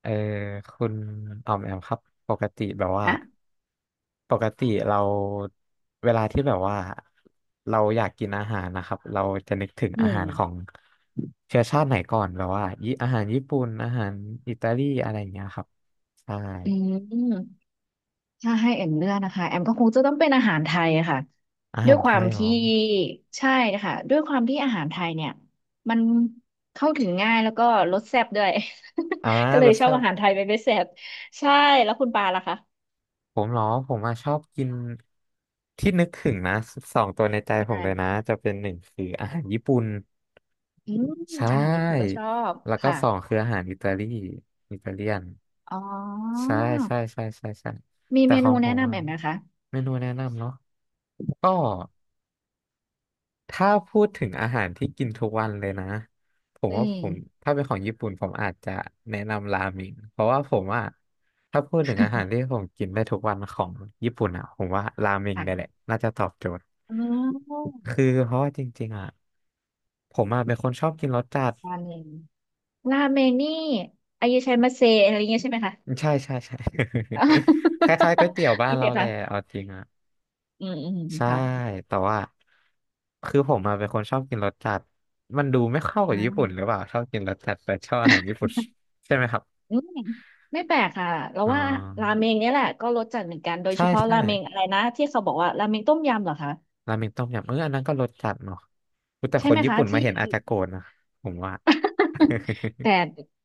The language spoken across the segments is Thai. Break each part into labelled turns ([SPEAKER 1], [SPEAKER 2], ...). [SPEAKER 1] เออคุณออมแอมครับปกติแบบว่า
[SPEAKER 2] ฮะ
[SPEAKER 1] ปกติเราเวลาที่แบบว่าเราอยากกินอาหารนะครับเราจะนึกถึง
[SPEAKER 2] อื
[SPEAKER 1] อา
[SPEAKER 2] ม
[SPEAKER 1] หารของเชื้อชาติไหนก่อนแบบว่าอาหารญี่ปุ่นอาหารอิตาลีอะไรอย่างเงี้ยครับใช่
[SPEAKER 2] อืมถ้าให้แอมเลือกนะคะแอมก็คงจะต้องเป็นอาหารไทยอะค่ะ
[SPEAKER 1] อา
[SPEAKER 2] ด้
[SPEAKER 1] หา
[SPEAKER 2] ว
[SPEAKER 1] ร
[SPEAKER 2] ยค
[SPEAKER 1] ไท
[SPEAKER 2] วาม
[SPEAKER 1] ยเหรอ
[SPEAKER 2] ที่ ใช่นะคะ ด้วยความที่อาหารไทยเนี่ย มันเข้าถึงง่ายแล้วก็รสแซ่บด้วย
[SPEAKER 1] อ่า
[SPEAKER 2] ก็เล
[SPEAKER 1] ร
[SPEAKER 2] ย
[SPEAKER 1] ส
[SPEAKER 2] ชอบ
[SPEAKER 1] แซ่บ
[SPEAKER 2] อาหารไทยเป็นพิเศษใช่แล้วคุณปาล่ะคะ
[SPEAKER 1] ผมเหรอผมอะชอบกินที่นึกถึงนะสองตัวในใจ
[SPEAKER 2] ใช
[SPEAKER 1] ผมเลยนะ
[SPEAKER 2] ่
[SPEAKER 1] จะเป็นหนึ่งคืออาหารญี่ปุ่น
[SPEAKER 2] อืม
[SPEAKER 1] ใช
[SPEAKER 2] อาหารญี่ปุ่นก็
[SPEAKER 1] ่
[SPEAKER 2] ชอบ
[SPEAKER 1] แล้วก็
[SPEAKER 2] ค่ะ
[SPEAKER 1] สองคืออาหารอิตาลีอิตาเลียน
[SPEAKER 2] อ๋อ
[SPEAKER 1] ใช่ใช่ใช่ใช่ใช่
[SPEAKER 2] มี
[SPEAKER 1] แต่
[SPEAKER 2] เม
[SPEAKER 1] ขอ
[SPEAKER 2] นู
[SPEAKER 1] งผ
[SPEAKER 2] แนะ
[SPEAKER 1] ม
[SPEAKER 2] นำ
[SPEAKER 1] อะ
[SPEAKER 2] แอมไหมคะ
[SPEAKER 1] เมนูแนะนำเนาะก็ถ้าพูดถึงอาหารที่กินทุกวันเลยนะผม
[SPEAKER 2] อื
[SPEAKER 1] ว่าผ
[SPEAKER 2] ม
[SPEAKER 1] มถ้าเป็นของญี่ปุ่นผมอาจจะแนะนำราเมงเพราะว่าผมอะถ้าพูดถึงอาหาร ที่ผมกินได้ทุกวันของญี่ปุ่นอะผมว่าราเมงเนี่ยแหละ
[SPEAKER 2] ค่ะ
[SPEAKER 1] น่าจะตอบโจทย์
[SPEAKER 2] อ๋อ
[SPEAKER 1] คือเพราะว่าจริงๆอะผมอะเป็นคนชอบกินรสจัด
[SPEAKER 2] อันหน่ง ราเมนนี่อายุชัยมาเซอะไรเงี้ยใช่ไหมคะ
[SPEAKER 1] ใช่ใช่ใช่
[SPEAKER 2] อ่า
[SPEAKER 1] คล้ายๆก๋วยเตี๋ยว บ้า
[SPEAKER 2] โอ
[SPEAKER 1] น
[SPEAKER 2] เค
[SPEAKER 1] เราแหละ
[SPEAKER 2] ค่ะ
[SPEAKER 1] เอาจริงอ่ะ
[SPEAKER 2] อืมอืม
[SPEAKER 1] ใช่
[SPEAKER 2] ค่ะ
[SPEAKER 1] แต่ว่าคือผมมาเป็นคนชอบกินรสจัดมันดูไม่เข้ากับญี่ปุ่น
[SPEAKER 2] อ่า
[SPEAKER 1] หรือเปล่าชอบกินรสจัดแต่ชอบอาหารญี่ปุ่นใช่ไหมครับ
[SPEAKER 2] อืมไม่แปลกค่ะเรา
[SPEAKER 1] อ๋อ
[SPEAKER 2] ว่าราเมงเนี่ยแหละก็รสจัดเหมือนกันโดย
[SPEAKER 1] ใช่
[SPEAKER 2] เฉพาะ
[SPEAKER 1] ใช่
[SPEAKER 2] ราเมงอะไรนะที่เขาบอกว่าราเมงต้มยำเหรอคะ
[SPEAKER 1] ราเมงต้มยำเอออันนั้นก็รสจัดเนาะอุ๊ยแต่
[SPEAKER 2] ใช่
[SPEAKER 1] คน
[SPEAKER 2] ไหม
[SPEAKER 1] ญี่
[SPEAKER 2] คะ
[SPEAKER 1] ปุ่นมา
[SPEAKER 2] ที่
[SPEAKER 1] เห็นอาจจะโกรธนะผมว่า
[SPEAKER 2] แต่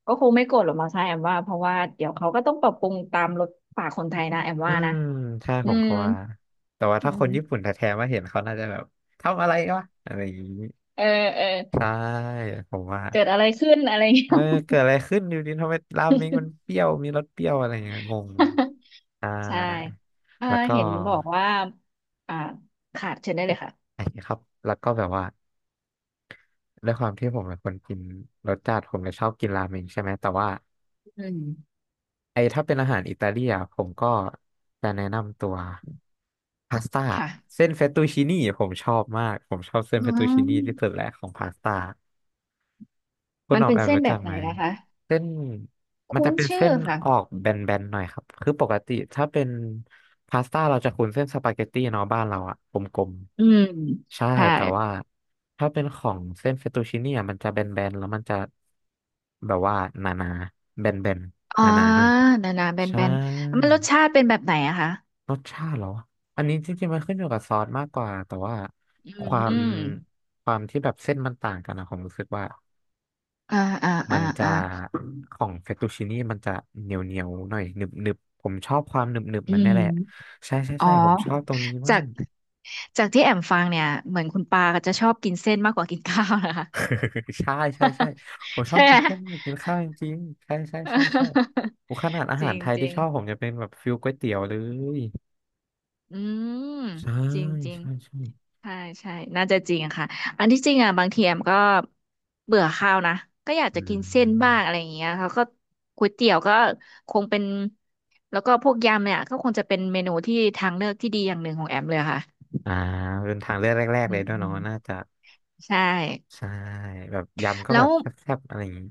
[SPEAKER 2] ก็คงไม่โกรธหรอกมั้งคะแอมว่าเพราะว่าเดี๋ยวเขาก็ต้องปรับปรุงตามรสปากคนไทยนะแอม
[SPEAKER 1] อื
[SPEAKER 2] ว่านะ
[SPEAKER 1] มใช่
[SPEAKER 2] อื
[SPEAKER 1] ผม
[SPEAKER 2] ม
[SPEAKER 1] ก็ว่าแต่ว่า
[SPEAKER 2] อื
[SPEAKER 1] ถ้าคนญี่ปุ่น
[SPEAKER 2] ม
[SPEAKER 1] แท้ๆมาเห็นเขาน่าจะแบบทำอะไรวะอะไรอย่างนี้
[SPEAKER 2] เออเออ
[SPEAKER 1] ใช่ผมว่า
[SPEAKER 2] เกิดอะไรขึ้นอะไรอย่างเงี้ย
[SPEAKER 1] เออเกิดอะไรขึ้นอยู่ดีทำไมราเมงมันเปรี้ยวมีรสเปรี้ยวอะไรอย่างเงี้ยงงอ่า
[SPEAKER 2] ใช่อ่า
[SPEAKER 1] แล้วก็
[SPEAKER 2] เห็นบอกว่าอ่าค่ะเชิญได้เลยค่ะ
[SPEAKER 1] ไอ้ครับแล้วก็แบบว่าด้วยความที่ผมเป็นคนกินรสจัดผมเลยชอบกินราเมงใช่ไหมแต่ว่า
[SPEAKER 2] อืม
[SPEAKER 1] ไอ้ถ้าเป็นอาหารอิตาเลียนผมก็จะแนะนำตัวพาสต้า
[SPEAKER 2] ค่ะ
[SPEAKER 1] เส้นเฟตตูชินี่ผมชอบมากผมชอบเส้น
[SPEAKER 2] อื
[SPEAKER 1] เฟตตูชินี่ที่สุ
[SPEAKER 2] ม
[SPEAKER 1] ดแหละของพาสต้า คุณ
[SPEAKER 2] มัน
[SPEAKER 1] ออม
[SPEAKER 2] เป็น
[SPEAKER 1] แอม
[SPEAKER 2] เส้น
[SPEAKER 1] รู้
[SPEAKER 2] แบ
[SPEAKER 1] จั
[SPEAKER 2] บ
[SPEAKER 1] ก
[SPEAKER 2] ไหน
[SPEAKER 1] ไหม
[SPEAKER 2] ล่ะคะ
[SPEAKER 1] เส้นมัน
[SPEAKER 2] คุ้
[SPEAKER 1] จะ
[SPEAKER 2] น
[SPEAKER 1] เป็น
[SPEAKER 2] ชื่อ
[SPEAKER 1] เส้น
[SPEAKER 2] ค่ะ
[SPEAKER 1] ออกแบนๆหน่อยครับคือปกติถ้าเป็นพาสต้าเราจะคุ้นเส้นสปาเกตตี้เนาะบ้านเราอะกลม
[SPEAKER 2] อืม
[SPEAKER 1] ๆใช่
[SPEAKER 2] ค่ะ
[SPEAKER 1] แต่ว่าถ้าเป็นของเส้นเฟตตูชินี่อะมันจะแบนๆแล้วมันจะแบบว่าหนาๆแบนๆ
[SPEAKER 2] อ๋
[SPEAKER 1] ห
[SPEAKER 2] อ
[SPEAKER 1] นาๆหน่อย
[SPEAKER 2] หนาๆ
[SPEAKER 1] ใช่
[SPEAKER 2] แบนๆมันรสชาติเป็นแบบไหนอะคะ
[SPEAKER 1] รสชาติเหรออันนี้จริงๆมันขึ้นอยู่กับซอสมากกว่าแต่ว่า
[SPEAKER 2] อื
[SPEAKER 1] ค
[SPEAKER 2] ม
[SPEAKER 1] วาม
[SPEAKER 2] อืม
[SPEAKER 1] ความที่แบบเส้นมันต่างกันนะผมรู้สึกว่า
[SPEAKER 2] อ่าอ่า
[SPEAKER 1] มั
[SPEAKER 2] อ่า
[SPEAKER 1] นจะ
[SPEAKER 2] อ่า
[SPEAKER 1] ของเฟตตูชินี่มันจะเหนียวเหนียวหน่อยหนึบหนึบผมชอบความหนึบหนึบ
[SPEAKER 2] อื
[SPEAKER 1] มันนี่แหละ
[SPEAKER 2] ม
[SPEAKER 1] ใช่ใช่
[SPEAKER 2] อ๋อ
[SPEAKER 1] ใช่ผมชอบตรงนี้
[SPEAKER 2] จา
[SPEAKER 1] มา
[SPEAKER 2] ก
[SPEAKER 1] ก
[SPEAKER 2] จากที่แอมฟังเนี่ยเหมือนคุณปาก็จะชอบกินเส้นมากกว่ากินข้าวนะคะ
[SPEAKER 1] ใช่ใช่ใช่ผม ชอ
[SPEAKER 2] ใช่
[SPEAKER 1] บ
[SPEAKER 2] ไหม
[SPEAKER 1] กิน เส้นกินข้าวจริงๆใช่ใช่ใช่ใช่โอ้ขนาดอา
[SPEAKER 2] จ
[SPEAKER 1] หา
[SPEAKER 2] ริ
[SPEAKER 1] ร
[SPEAKER 2] ง
[SPEAKER 1] ไทย
[SPEAKER 2] จ
[SPEAKER 1] ที่
[SPEAKER 2] ริง
[SPEAKER 1] ชอบผมจะเป็นแบบฟิลก๋วยเตี๋ยวเลย
[SPEAKER 2] อืม
[SPEAKER 1] ใช่
[SPEAKER 2] จริงจริง
[SPEAKER 1] ใช่ใช่
[SPEAKER 2] ใช่ใช่น่าจะจริงอะค่ะอันที่จริงอ่ะบางทีแอมก็เบื่อข้าวนะก็อยาก
[SPEAKER 1] อื
[SPEAKER 2] จะกินเส้นบ้าง
[SPEAKER 1] ม
[SPEAKER 2] อะไรอย่างเงี้ยเขาก็ก๋วยเตี๋ยวก็คงเป็นแล้วก็พวกยำเนี่ยก็คงจะเป็นเมนูที่ทางเลือกที่ดีอย่างหนึ่งของแอมเลยค่ะ
[SPEAKER 1] อ่าเป็นทางเลือกแรกๆ
[SPEAKER 2] อื
[SPEAKER 1] เลย
[SPEAKER 2] ม
[SPEAKER 1] ด้วย
[SPEAKER 2] อื
[SPEAKER 1] เนาะ
[SPEAKER 2] ม
[SPEAKER 1] น่าจะ
[SPEAKER 2] ใช่
[SPEAKER 1] ใช่แบบยำก็
[SPEAKER 2] แล้
[SPEAKER 1] แบ
[SPEAKER 2] ว
[SPEAKER 1] บแซ่บๆอะไรอย่างนี้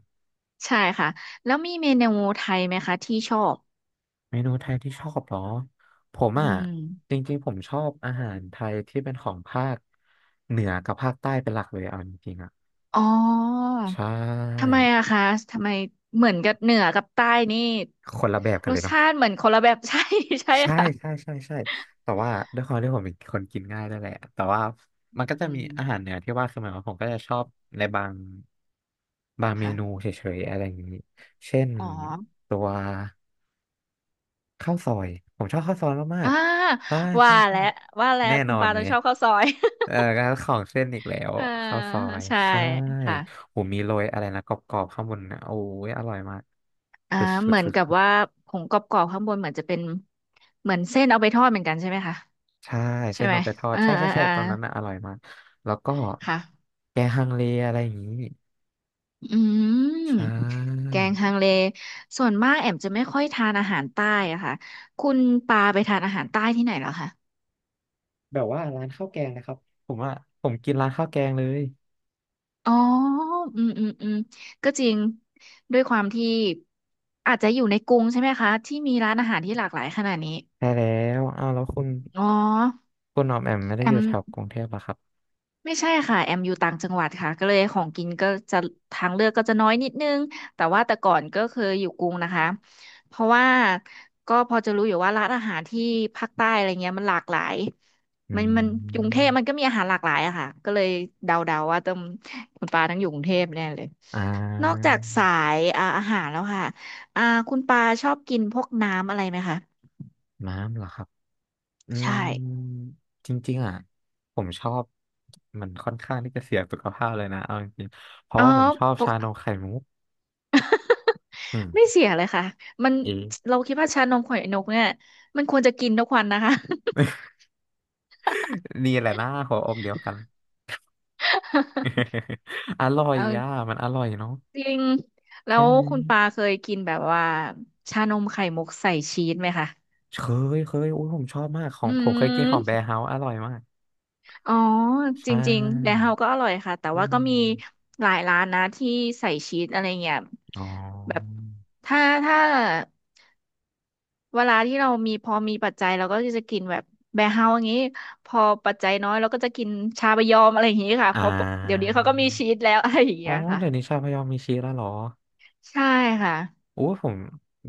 [SPEAKER 2] ใช่ค่ะแล้วมีเมนูไทยไหมคะที่ชอบ
[SPEAKER 1] เมนูไทยที่ชอบเหรอผม
[SPEAKER 2] อื
[SPEAKER 1] อ่ะ
[SPEAKER 2] ม
[SPEAKER 1] จริงๆผมชอบอาหารไทยที่เป็นของภาคเหนือกับภาคใต้เป็นหลักเลยเอาจริงๆอ่ะ
[SPEAKER 2] อ๋อ
[SPEAKER 1] ใช่
[SPEAKER 2] ทำไมอะคะทำไมเหมือนกับเหนือกับใต้นี่
[SPEAKER 1] คนละแบบกั
[SPEAKER 2] ร
[SPEAKER 1] นเล
[SPEAKER 2] ส
[SPEAKER 1] ยเนาะ
[SPEAKER 2] ชาติเหมือนคนละแบบ ใช่ใช่
[SPEAKER 1] ใช่ใช่
[SPEAKER 2] ค่ะ
[SPEAKER 1] ใช่ใช่แต่ว่าด้วยความที่ผมเป็นคนกินง่ายด้วยแหละแต่ว่ามันก็
[SPEAKER 2] อื
[SPEAKER 1] จะมีอาหาร
[SPEAKER 2] ม
[SPEAKER 1] เหนือที่ว่าคือหมายความว่าผมก็จะชอบในบางบางเมนู
[SPEAKER 2] ค่ะ
[SPEAKER 1] เฉยๆอะไรอย่างนี้เช่น
[SPEAKER 2] อ๋อ
[SPEAKER 1] ตัว ข้าวซอยผมชอบข้าวซอยมา
[SPEAKER 2] อ่า
[SPEAKER 1] กๆใช่
[SPEAKER 2] ว่า
[SPEAKER 1] ใช่ใช่
[SPEAKER 2] แล้วว่าแล้
[SPEAKER 1] แน่
[SPEAKER 2] วคุ
[SPEAKER 1] น
[SPEAKER 2] ณ
[SPEAKER 1] อน
[SPEAKER 2] ปา
[SPEAKER 1] ไห
[SPEAKER 2] ต้
[SPEAKER 1] ม
[SPEAKER 2] องชอบข้าวซอย
[SPEAKER 1] เออการของเส้นอีกแล้ว
[SPEAKER 2] อ่า
[SPEAKER 1] ข้าวซอย
[SPEAKER 2] ใช่
[SPEAKER 1] ใช่
[SPEAKER 2] ค่ะ
[SPEAKER 1] ผมมีโรยอะไรนะกรอบๆข้างบนนะโอ้ยอร่อยมาก
[SPEAKER 2] อ่า
[SPEAKER 1] สุดสุ
[SPEAKER 2] เห
[SPEAKER 1] ด
[SPEAKER 2] มือน
[SPEAKER 1] สุด
[SPEAKER 2] กับ
[SPEAKER 1] สุด
[SPEAKER 2] ว่าผงกรอบๆข้างบนเหมือนจะเป็นเหมือนเส้นเอาไปทอดเหมือนกันใช่ไหมคะ
[SPEAKER 1] ใช่
[SPEAKER 2] ใช่
[SPEAKER 1] เส้น
[SPEAKER 2] ไหม
[SPEAKER 1] เอาไปทอด
[SPEAKER 2] อ่า
[SPEAKER 1] ใช่ใช่
[SPEAKER 2] อ่า
[SPEAKER 1] ใช่
[SPEAKER 2] อ่า
[SPEAKER 1] ตอนนั้นนะอร่อยมากแล้วก็
[SPEAKER 2] ค่ะ
[SPEAKER 1] แกงฮังเลอะไรอย่างนี้
[SPEAKER 2] อืม
[SPEAKER 1] ใช่
[SPEAKER 2] แกงฮังเลส่วนมากแอมจะไม่ค่อยทานอาหารใต้อะค่ะคุณปาไปทานอาหารใต้ที่ไหนเหรอคะ
[SPEAKER 1] แบบว่าร้านข้าวแกงนะครับผมว่าผมกินร้านข้าวแกงเลย
[SPEAKER 2] อ๋ออืมอืมอืมก็จริงด้วยความที่อาจจะอยู่ในกรุงใช่ไหมคะที่มีร้านอาหารที่หลากหลายขนาดนี้
[SPEAKER 1] ใช่แล้วอ้าวแล้วคุณ
[SPEAKER 2] อ๋อ
[SPEAKER 1] คุณหนอมแอมไม่ได้
[SPEAKER 2] แอ
[SPEAKER 1] อยู่
[SPEAKER 2] ม
[SPEAKER 1] แถวกรุงเทพเหรอครับ
[SPEAKER 2] ไม่ใช่ค่ะ แอมอยู่ต่างจังหวัดค่ะก็เลยของกินก็จะทางเลือกก็จะน้อยนิดนึงแต่ว่าแต่ก่อนก็เคยอยู่กรุงนะคะ เพราะว่าก็พอจะรู้อยู่ว่าร้านอาหารที่ภาคใต้อะไรเงี้ยมันหลากหลาย
[SPEAKER 1] อื
[SPEAKER 2] มันกรุงเท
[SPEAKER 1] ม
[SPEAKER 2] พมันก็มีอาหารหลากหลายอะค่ะก็เลยเดาๆว่าต้องคุณปาต้องอยู่กรุงเทพแน่เลย
[SPEAKER 1] อ่
[SPEAKER 2] นอก
[SPEAKER 1] า
[SPEAKER 2] จากสายอ่าอาหารแล้วค่ะอ่าคุณปาชอบกินพวกน้ำอะไรไหมคะ
[SPEAKER 1] น้ำเหรอครับ อื
[SPEAKER 2] ใช่
[SPEAKER 1] ม จริงๆอ่ะผมชอบ มันค่อนข้างที่จะเสียสุขภาพเลยนะเอาจริงๆเพราะ
[SPEAKER 2] อ๋อ
[SPEAKER 1] ว่าผมชอบ
[SPEAKER 2] ป
[SPEAKER 1] ชา
[SPEAKER 2] ก
[SPEAKER 1] นมไข่มุกอืม
[SPEAKER 2] ไม่เสียเลยค่ะ มัน
[SPEAKER 1] เอะ
[SPEAKER 2] เราคิดว่าชานมไข่นกเนี่ยมันควรจะกินทุกวันนะคะ
[SPEAKER 1] นี่แหละนะหัวอกเดียวกัน อร่อย
[SPEAKER 2] เอา
[SPEAKER 1] อ่ะมันอร่อยเนาะ
[SPEAKER 2] จริง แล้
[SPEAKER 1] ใช่
[SPEAKER 2] ว
[SPEAKER 1] ไหม
[SPEAKER 2] คุณปาเคยกินแบบว่าชานมไข่มุกใส่ชีสไหมคะ
[SPEAKER 1] เคเคยอุ้ยผมชอบมากขอ
[SPEAKER 2] อื
[SPEAKER 1] งผมเคยกินของแบ
[SPEAKER 2] ม
[SPEAKER 1] ร์เฮาส์อร่อยมาก
[SPEAKER 2] อ๋อ
[SPEAKER 1] ใช
[SPEAKER 2] จริงๆแดน
[SPEAKER 1] ่
[SPEAKER 2] เฮาก็อร่อยค่ะ แต่
[SPEAKER 1] อื
[SPEAKER 2] ว่าก็
[SPEAKER 1] ม
[SPEAKER 2] มีหลายร้านนะที่ใส่ชีสอะไรเงี้ย
[SPEAKER 1] อ๋อ
[SPEAKER 2] แบบถ้าถ้า เวลาที่เรามีพอมีปัจจัยเราก็จะกินแบบแบร์เฮาส์อย่างนี้พอปัจจัยน้อยเราก็จะกินชาบะยอมอะไรอย่างนี้ค่ะเพ
[SPEAKER 1] อ่า
[SPEAKER 2] ราะเดี๋ยวนี้เขาก็มีชีสแล้ว อะไรอย่าง
[SPEAKER 1] อ๋อ
[SPEAKER 2] เงี้ยค่ะ
[SPEAKER 1] เดี๋ยวนี้ชาพยอมมีชีสแล้วเหรอ
[SPEAKER 2] ใช่ค่ะ
[SPEAKER 1] โอ้ผม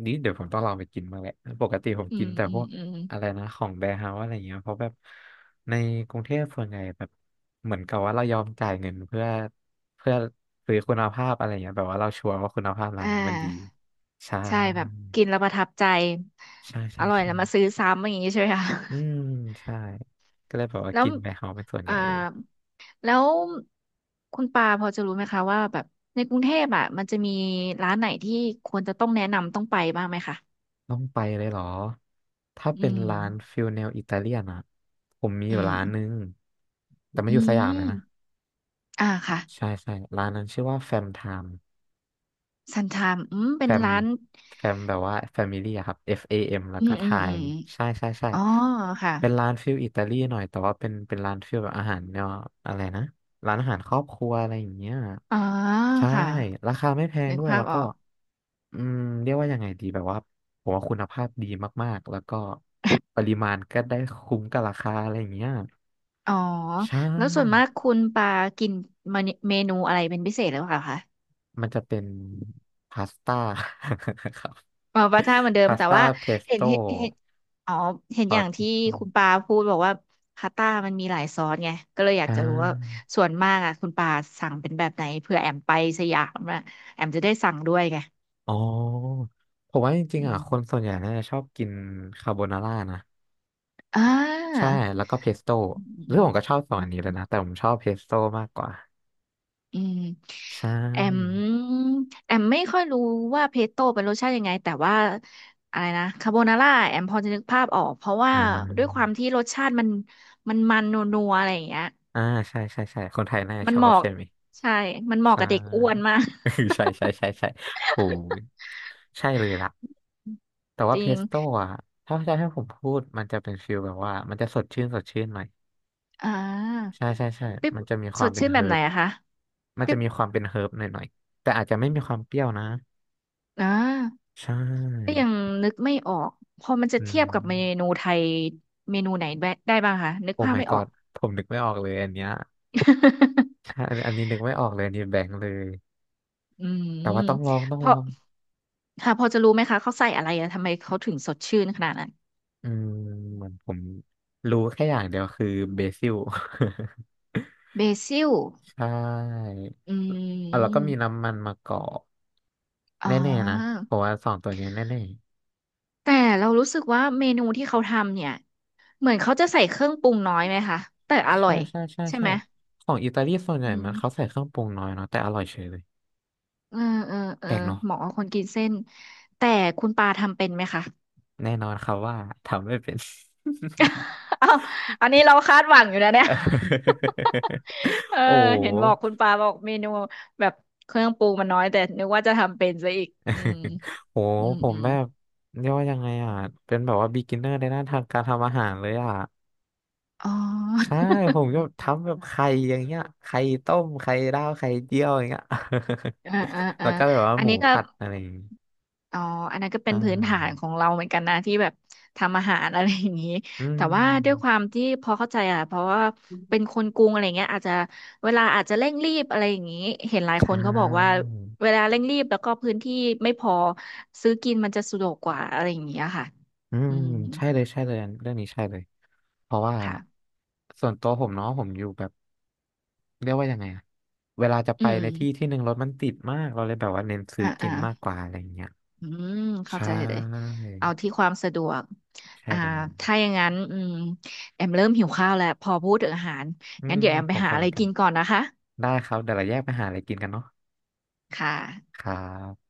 [SPEAKER 1] นี่เดี๋ยวผมต้องลองไปกินบ้างแหละปกติผม
[SPEAKER 2] อื
[SPEAKER 1] กิน
[SPEAKER 2] ม
[SPEAKER 1] แต่
[SPEAKER 2] อื
[SPEAKER 1] พ
[SPEAKER 2] ม
[SPEAKER 1] วก
[SPEAKER 2] อืม
[SPEAKER 1] อะไรนะของแบร์เฮาส์อะไรเงี้ยเพราะแบบในกรุงเทพส่วนใหญ่แบบเหมือนกับว่าเรายอมจ่ายเงินเพื่อซื้อคุณภาพอะไรเงี้ยแบบว่าเราชัวร์ว่าคุณภาพร้าน
[SPEAKER 2] อ่า
[SPEAKER 1] นี้มันดีใช่
[SPEAKER 2] ใช่แบบกินแล้วประทับใจ
[SPEAKER 1] ใช่
[SPEAKER 2] อ
[SPEAKER 1] ใช่
[SPEAKER 2] ร่อย
[SPEAKER 1] ใช่
[SPEAKER 2] แล้วมาซื้อซ้ำอย่างนี้ใช่ไหมคะ
[SPEAKER 1] อืมใช่ก็เลยแบบ ว่า
[SPEAKER 2] แล้ว
[SPEAKER 1] กินแบร์เฮาส์เป็นส่วนให
[SPEAKER 2] อ่า
[SPEAKER 1] ญ่เลย
[SPEAKER 2] แล้วคุณปาพอจะรู้ไหมคะว่าแบบในกรุงเทพอ่ะมันจะมีร้านไหนที่ควรจะต้องแนะนำต้องไปบ้างไหมคะ
[SPEAKER 1] ต้องไปเลยเหรอถ้า
[SPEAKER 2] อื
[SPEAKER 1] เป็น
[SPEAKER 2] ม
[SPEAKER 1] ร้านฟิลแนวอิตาเลียนอะผมมีอ
[SPEAKER 2] อื
[SPEAKER 1] ยู่
[SPEAKER 2] ม
[SPEAKER 1] ร้านนึงแต่มัน
[SPEAKER 2] อื
[SPEAKER 1] อยู่สยามเลยนะ
[SPEAKER 2] ม อ่าค่ะ
[SPEAKER 1] ใช่ใช่ร้านนั้นชื่อว่าแฟมไทม์
[SPEAKER 2] ซันทามอืมเป็
[SPEAKER 1] แฟ
[SPEAKER 2] น
[SPEAKER 1] ม
[SPEAKER 2] ร้าน
[SPEAKER 1] แฟมแบบว่าแฟมิลี่ครับ F A M แล้ว
[SPEAKER 2] อื
[SPEAKER 1] ก็
[SPEAKER 2] ม
[SPEAKER 1] ไท
[SPEAKER 2] อืมอืม
[SPEAKER 1] ม์ใช่ใช่ใช่
[SPEAKER 2] อ๋อค่ะ
[SPEAKER 1] เป็นร้านฟิลอิตาลีหน่อยแต่ว่าเป็นร้านฟิลแบบอาหารเนวอะไรนะร้านอาหารครอบครัวอะไรอย่างเงี้ย
[SPEAKER 2] อ๋อ
[SPEAKER 1] ใช่
[SPEAKER 2] ค่ะ
[SPEAKER 1] ราคาไม่แพง
[SPEAKER 2] นึก
[SPEAKER 1] ด้วย
[SPEAKER 2] ภา
[SPEAKER 1] แล้
[SPEAKER 2] พ
[SPEAKER 1] ว
[SPEAKER 2] อ
[SPEAKER 1] ก็
[SPEAKER 2] อก
[SPEAKER 1] อืมเรียกว่ายังไงดีแบบว่าผมว่าคุณภาพดีมากๆแล้วก็ปริมาณก็ได้คุ้มกับราคาอะไรอย่างเงี้ย
[SPEAKER 2] อ๋อ
[SPEAKER 1] ใช่
[SPEAKER 2] แล้วส่วนมากคุณปากินเมนูอะไรเป็นพิเศษหรือเปล่าคะ
[SPEAKER 1] มันจะเป็นพาสต้า ครับ
[SPEAKER 2] อ๋อปลาท่าเหมือนเดิม
[SPEAKER 1] พาส
[SPEAKER 2] แต่
[SPEAKER 1] ต้า
[SPEAKER 2] ว่า
[SPEAKER 1] เพส
[SPEAKER 2] เห็น
[SPEAKER 1] โต้
[SPEAKER 2] เห็นเห็นอ๋อเห็น
[SPEAKER 1] ซ
[SPEAKER 2] อ
[SPEAKER 1] อ
[SPEAKER 2] ย่า
[SPEAKER 1] ส
[SPEAKER 2] ง
[SPEAKER 1] เพ
[SPEAKER 2] ที่
[SPEAKER 1] สโต้
[SPEAKER 2] คุณปาพูดบอกว่าพาสต้ามันมีหลายซอสไงก็เลยอยาก
[SPEAKER 1] อ่
[SPEAKER 2] จะรู้ว่า
[SPEAKER 1] า
[SPEAKER 2] ส่วนมากอ่ะคุณปาสั่งเป็นแบบไหนเผื่อแอมไปสยามอะแอมจะได้สั่งด้วยไง
[SPEAKER 1] อ๋อผมว่าจริง
[SPEAKER 2] อื
[SPEAKER 1] ๆอ่ะ
[SPEAKER 2] ม
[SPEAKER 1] คนส่วนใหญ่น่าจะชอบกินคาโบนาร่านะ
[SPEAKER 2] อ่า
[SPEAKER 1] ใช่ แล้วก็เพสโต้
[SPEAKER 2] อืม
[SPEAKER 1] หรื
[SPEAKER 2] อื
[SPEAKER 1] อ
[SPEAKER 2] ม
[SPEAKER 1] ผมก็ชอบสอง
[SPEAKER 2] อื
[SPEAKER 1] อันนี้เล
[SPEAKER 2] ม
[SPEAKER 1] ยนะ แต่ผมชอบเพสโต้มากกว่า
[SPEAKER 2] อืม
[SPEAKER 1] ใช
[SPEAKER 2] แอ
[SPEAKER 1] ่
[SPEAKER 2] มแอมไม่ค่อยรู้ว่าเพสโต้เป็นรสชาติยังไงแต่ว่าอะไรนะคาโบนาร่าแอมพอจะนึกภาพออกเพราะว่า
[SPEAKER 1] อ่
[SPEAKER 2] ด้วยควา
[SPEAKER 1] า
[SPEAKER 2] มที่รสชาติมันนัวๆอะไรอย่างเงี้ย
[SPEAKER 1] อ่าใช่ใช่ใช่คนไทยน่าจะ
[SPEAKER 2] มั
[SPEAKER 1] ช
[SPEAKER 2] น
[SPEAKER 1] อ
[SPEAKER 2] เห
[SPEAKER 1] บ
[SPEAKER 2] มาะ
[SPEAKER 1] ใช่ไหม
[SPEAKER 2] ใช่มันเหมาะ
[SPEAKER 1] ใช่
[SPEAKER 2] กับเด็กอ้วนมาก
[SPEAKER 1] ใช่ใช่ใช่ใช่โอ้ยใช่เลยล่ะแต่ว่าเพสโต้อ่ะถ้าจะให้ผมพูดมันจะเป็นฟิลแบบว่ามันจะสดชื่นสดชื่นหน่อย
[SPEAKER 2] อ่า
[SPEAKER 1] ใช่ใช่ใช่
[SPEAKER 2] ปิ๊บ
[SPEAKER 1] มันจะมีค
[SPEAKER 2] ส
[SPEAKER 1] วาม
[SPEAKER 2] ด
[SPEAKER 1] เป็น
[SPEAKER 2] ชื่นแบ
[SPEAKER 1] เฮิ
[SPEAKER 2] บไหน
[SPEAKER 1] ร์บ
[SPEAKER 2] อะคะ
[SPEAKER 1] มันจะ
[SPEAKER 2] ปิ๊บ
[SPEAKER 1] มีความเป็นเฮิร์บหน่อยๆ แต่อาจจะไม่มีความเปรี้ยวนะ
[SPEAKER 2] อ่า
[SPEAKER 1] ใช
[SPEAKER 2] ก็
[SPEAKER 1] ่
[SPEAKER 2] ยังนึกไม่ออกพอมันจะ
[SPEAKER 1] อื
[SPEAKER 2] เทียบกับเมนู
[SPEAKER 1] ม
[SPEAKER 2] ไทยเมนูไหนได้บ้างคะนึก
[SPEAKER 1] โอ้
[SPEAKER 2] ภาพ
[SPEAKER 1] my
[SPEAKER 2] ไม่ออก
[SPEAKER 1] god ผมนึกไม่ออกเลยอันเนี้ย ใช่อันอันนี้นึกไม่ออกเลยอันนี้แบงค์เลย
[SPEAKER 2] อืม
[SPEAKER 1] แต่ว่าต้องลองต้อง
[SPEAKER 2] เพ
[SPEAKER 1] ลอ
[SPEAKER 2] ราะ
[SPEAKER 1] ง
[SPEAKER 2] ค่ะพอจะรู้ไหมคะเขาใส่อะไรอะทำไมเขาถึงสดชื่นขนาดนั้น
[SPEAKER 1] อืมเหมือนผมรู้แค่อย่างเดียวคือเบซิล
[SPEAKER 2] เบซิล
[SPEAKER 1] ใช่
[SPEAKER 2] อื
[SPEAKER 1] เอ่ะแล้วก็มี
[SPEAKER 2] ม
[SPEAKER 1] น้ำมันมะกอก
[SPEAKER 2] อ๋อ
[SPEAKER 1] แน่ๆนะเพราะว่าสองตัวเนี้ยแน่
[SPEAKER 2] แต่เรารู้สึกว่าเมนูที่เขาทำเนี่ยเหมือนเขาจะใส่เครื่องปรุงน้อยไหมคะแต่อ
[SPEAKER 1] ๆ
[SPEAKER 2] ร่อ
[SPEAKER 1] ใช่
[SPEAKER 2] ย
[SPEAKER 1] ใช่ใช่
[SPEAKER 2] ใช่
[SPEAKER 1] ใช่
[SPEAKER 2] ไหม
[SPEAKER 1] ของอิตาลีส่วนให
[SPEAKER 2] อื
[SPEAKER 1] ญ่มันเขา
[SPEAKER 2] ม
[SPEAKER 1] ใส่เครื่องปรุงน้อยเนาะแต่อร่อยเฉยเลย
[SPEAKER 2] เออเอ
[SPEAKER 1] แป
[SPEAKER 2] อ
[SPEAKER 1] ลกเนาะ
[SPEAKER 2] เหมาะกับคนกินเส้นแต่คุณปาทำเป็นไหมคะ
[SPEAKER 1] แน่นอนครับว่าทำไม่เป็น
[SPEAKER 2] อ้าวอันนี้เราคาดหวังอยู่นะเนี่ย เออ
[SPEAKER 1] โอ้
[SPEAKER 2] เห็นบอกคุณปาบอกเมนูแบบเครื่องปรุงมันน้อยแต่นึกว่าจะทำเป็นซะอีกอืม
[SPEAKER 1] โห โห
[SPEAKER 2] อืม
[SPEAKER 1] ผ
[SPEAKER 2] อื
[SPEAKER 1] ม
[SPEAKER 2] ม
[SPEAKER 1] แบบเรียกว่ายังไงอ่ะ เป็นแบบว่า beginner ในด้านทางการทำอาหารเลยอ่ะ
[SPEAKER 2] อ๋อ
[SPEAKER 1] ใช่ ผมก็ทำแบบไข่อย่างเงี้ยไข่ต้ม ไข่ดาว ไข่เจียวอย่างเงี้ย
[SPEAKER 2] อ่าอ่า อ่า
[SPEAKER 1] แล้วก็แบบว่า
[SPEAKER 2] อั
[SPEAKER 1] ห
[SPEAKER 2] น
[SPEAKER 1] มู
[SPEAKER 2] นี้ก็
[SPEAKER 1] ผัดอะไรอย่างงี้
[SPEAKER 2] อ๋ออันนั้นก็เป็
[SPEAKER 1] อ่
[SPEAKER 2] นพื้นฐาน
[SPEAKER 1] า
[SPEAKER 2] ของเราเหมือนกันนะที่แบบทำอาหารอะไรอย่างนี้
[SPEAKER 1] อื
[SPEAKER 2] แต่ว่าด้วยค
[SPEAKER 1] ม
[SPEAKER 2] วามที่พอเข้าใจอ่ะเพราะว่าเป็นคนกรุงอะไรเงี้ยอาจจะเวลาอาจจะเร่งรีบอะไรอย่างนี้เห็นหลาย
[SPEAKER 1] ใช
[SPEAKER 2] คนเขาบอกว่า
[SPEAKER 1] ่
[SPEAKER 2] เวลาเร่งรีบแล้วก็พื้นที่ไม่พอซื้อกินมันจะสะดวกกว่าอะไรอย่างเงี้ยค่ะ
[SPEAKER 1] อื
[SPEAKER 2] อื
[SPEAKER 1] ม
[SPEAKER 2] ม
[SPEAKER 1] ใช่เลยใช่เลยอันเรื่องนี้ใช่เลยเพราะว่า
[SPEAKER 2] ค่ะ
[SPEAKER 1] ส่วนตัวผมเนาะผมอยู่แบบเรียกว่ายังไงอะเวลาจะ
[SPEAKER 2] อื
[SPEAKER 1] ไป
[SPEAKER 2] ม
[SPEAKER 1] ในที่ที่หนึ่งรถมันติดมากเราเลยแบบว่าเน้นซื้
[SPEAKER 2] อ่า
[SPEAKER 1] อกิ
[SPEAKER 2] อ่า
[SPEAKER 1] นมากกว่าอะไรอย่างเงี้ย
[SPEAKER 2] อืมเข้า
[SPEAKER 1] ใช่
[SPEAKER 2] ใจเลยเอาที่ความสะดวก
[SPEAKER 1] ใช่
[SPEAKER 2] อ่า
[SPEAKER 1] เลย
[SPEAKER 2] ถ้าอย่างนั้นอืมแอมเริ่มหิวข้าวแล้วพอพูดถึงอาหาร
[SPEAKER 1] อื
[SPEAKER 2] งั้น
[SPEAKER 1] ม
[SPEAKER 2] เดี๋ยวแอมไป
[SPEAKER 1] ผม
[SPEAKER 2] หา
[SPEAKER 1] ก็
[SPEAKER 2] อะ
[SPEAKER 1] เหมื
[SPEAKER 2] ไร
[SPEAKER 1] อนกัน
[SPEAKER 2] กินก่อนนะคะ
[SPEAKER 1] ได้ครับเดี๋ยวเราแยกไปหาอะไรกินกันเนาะ
[SPEAKER 2] ค่ะ
[SPEAKER 1] ครับ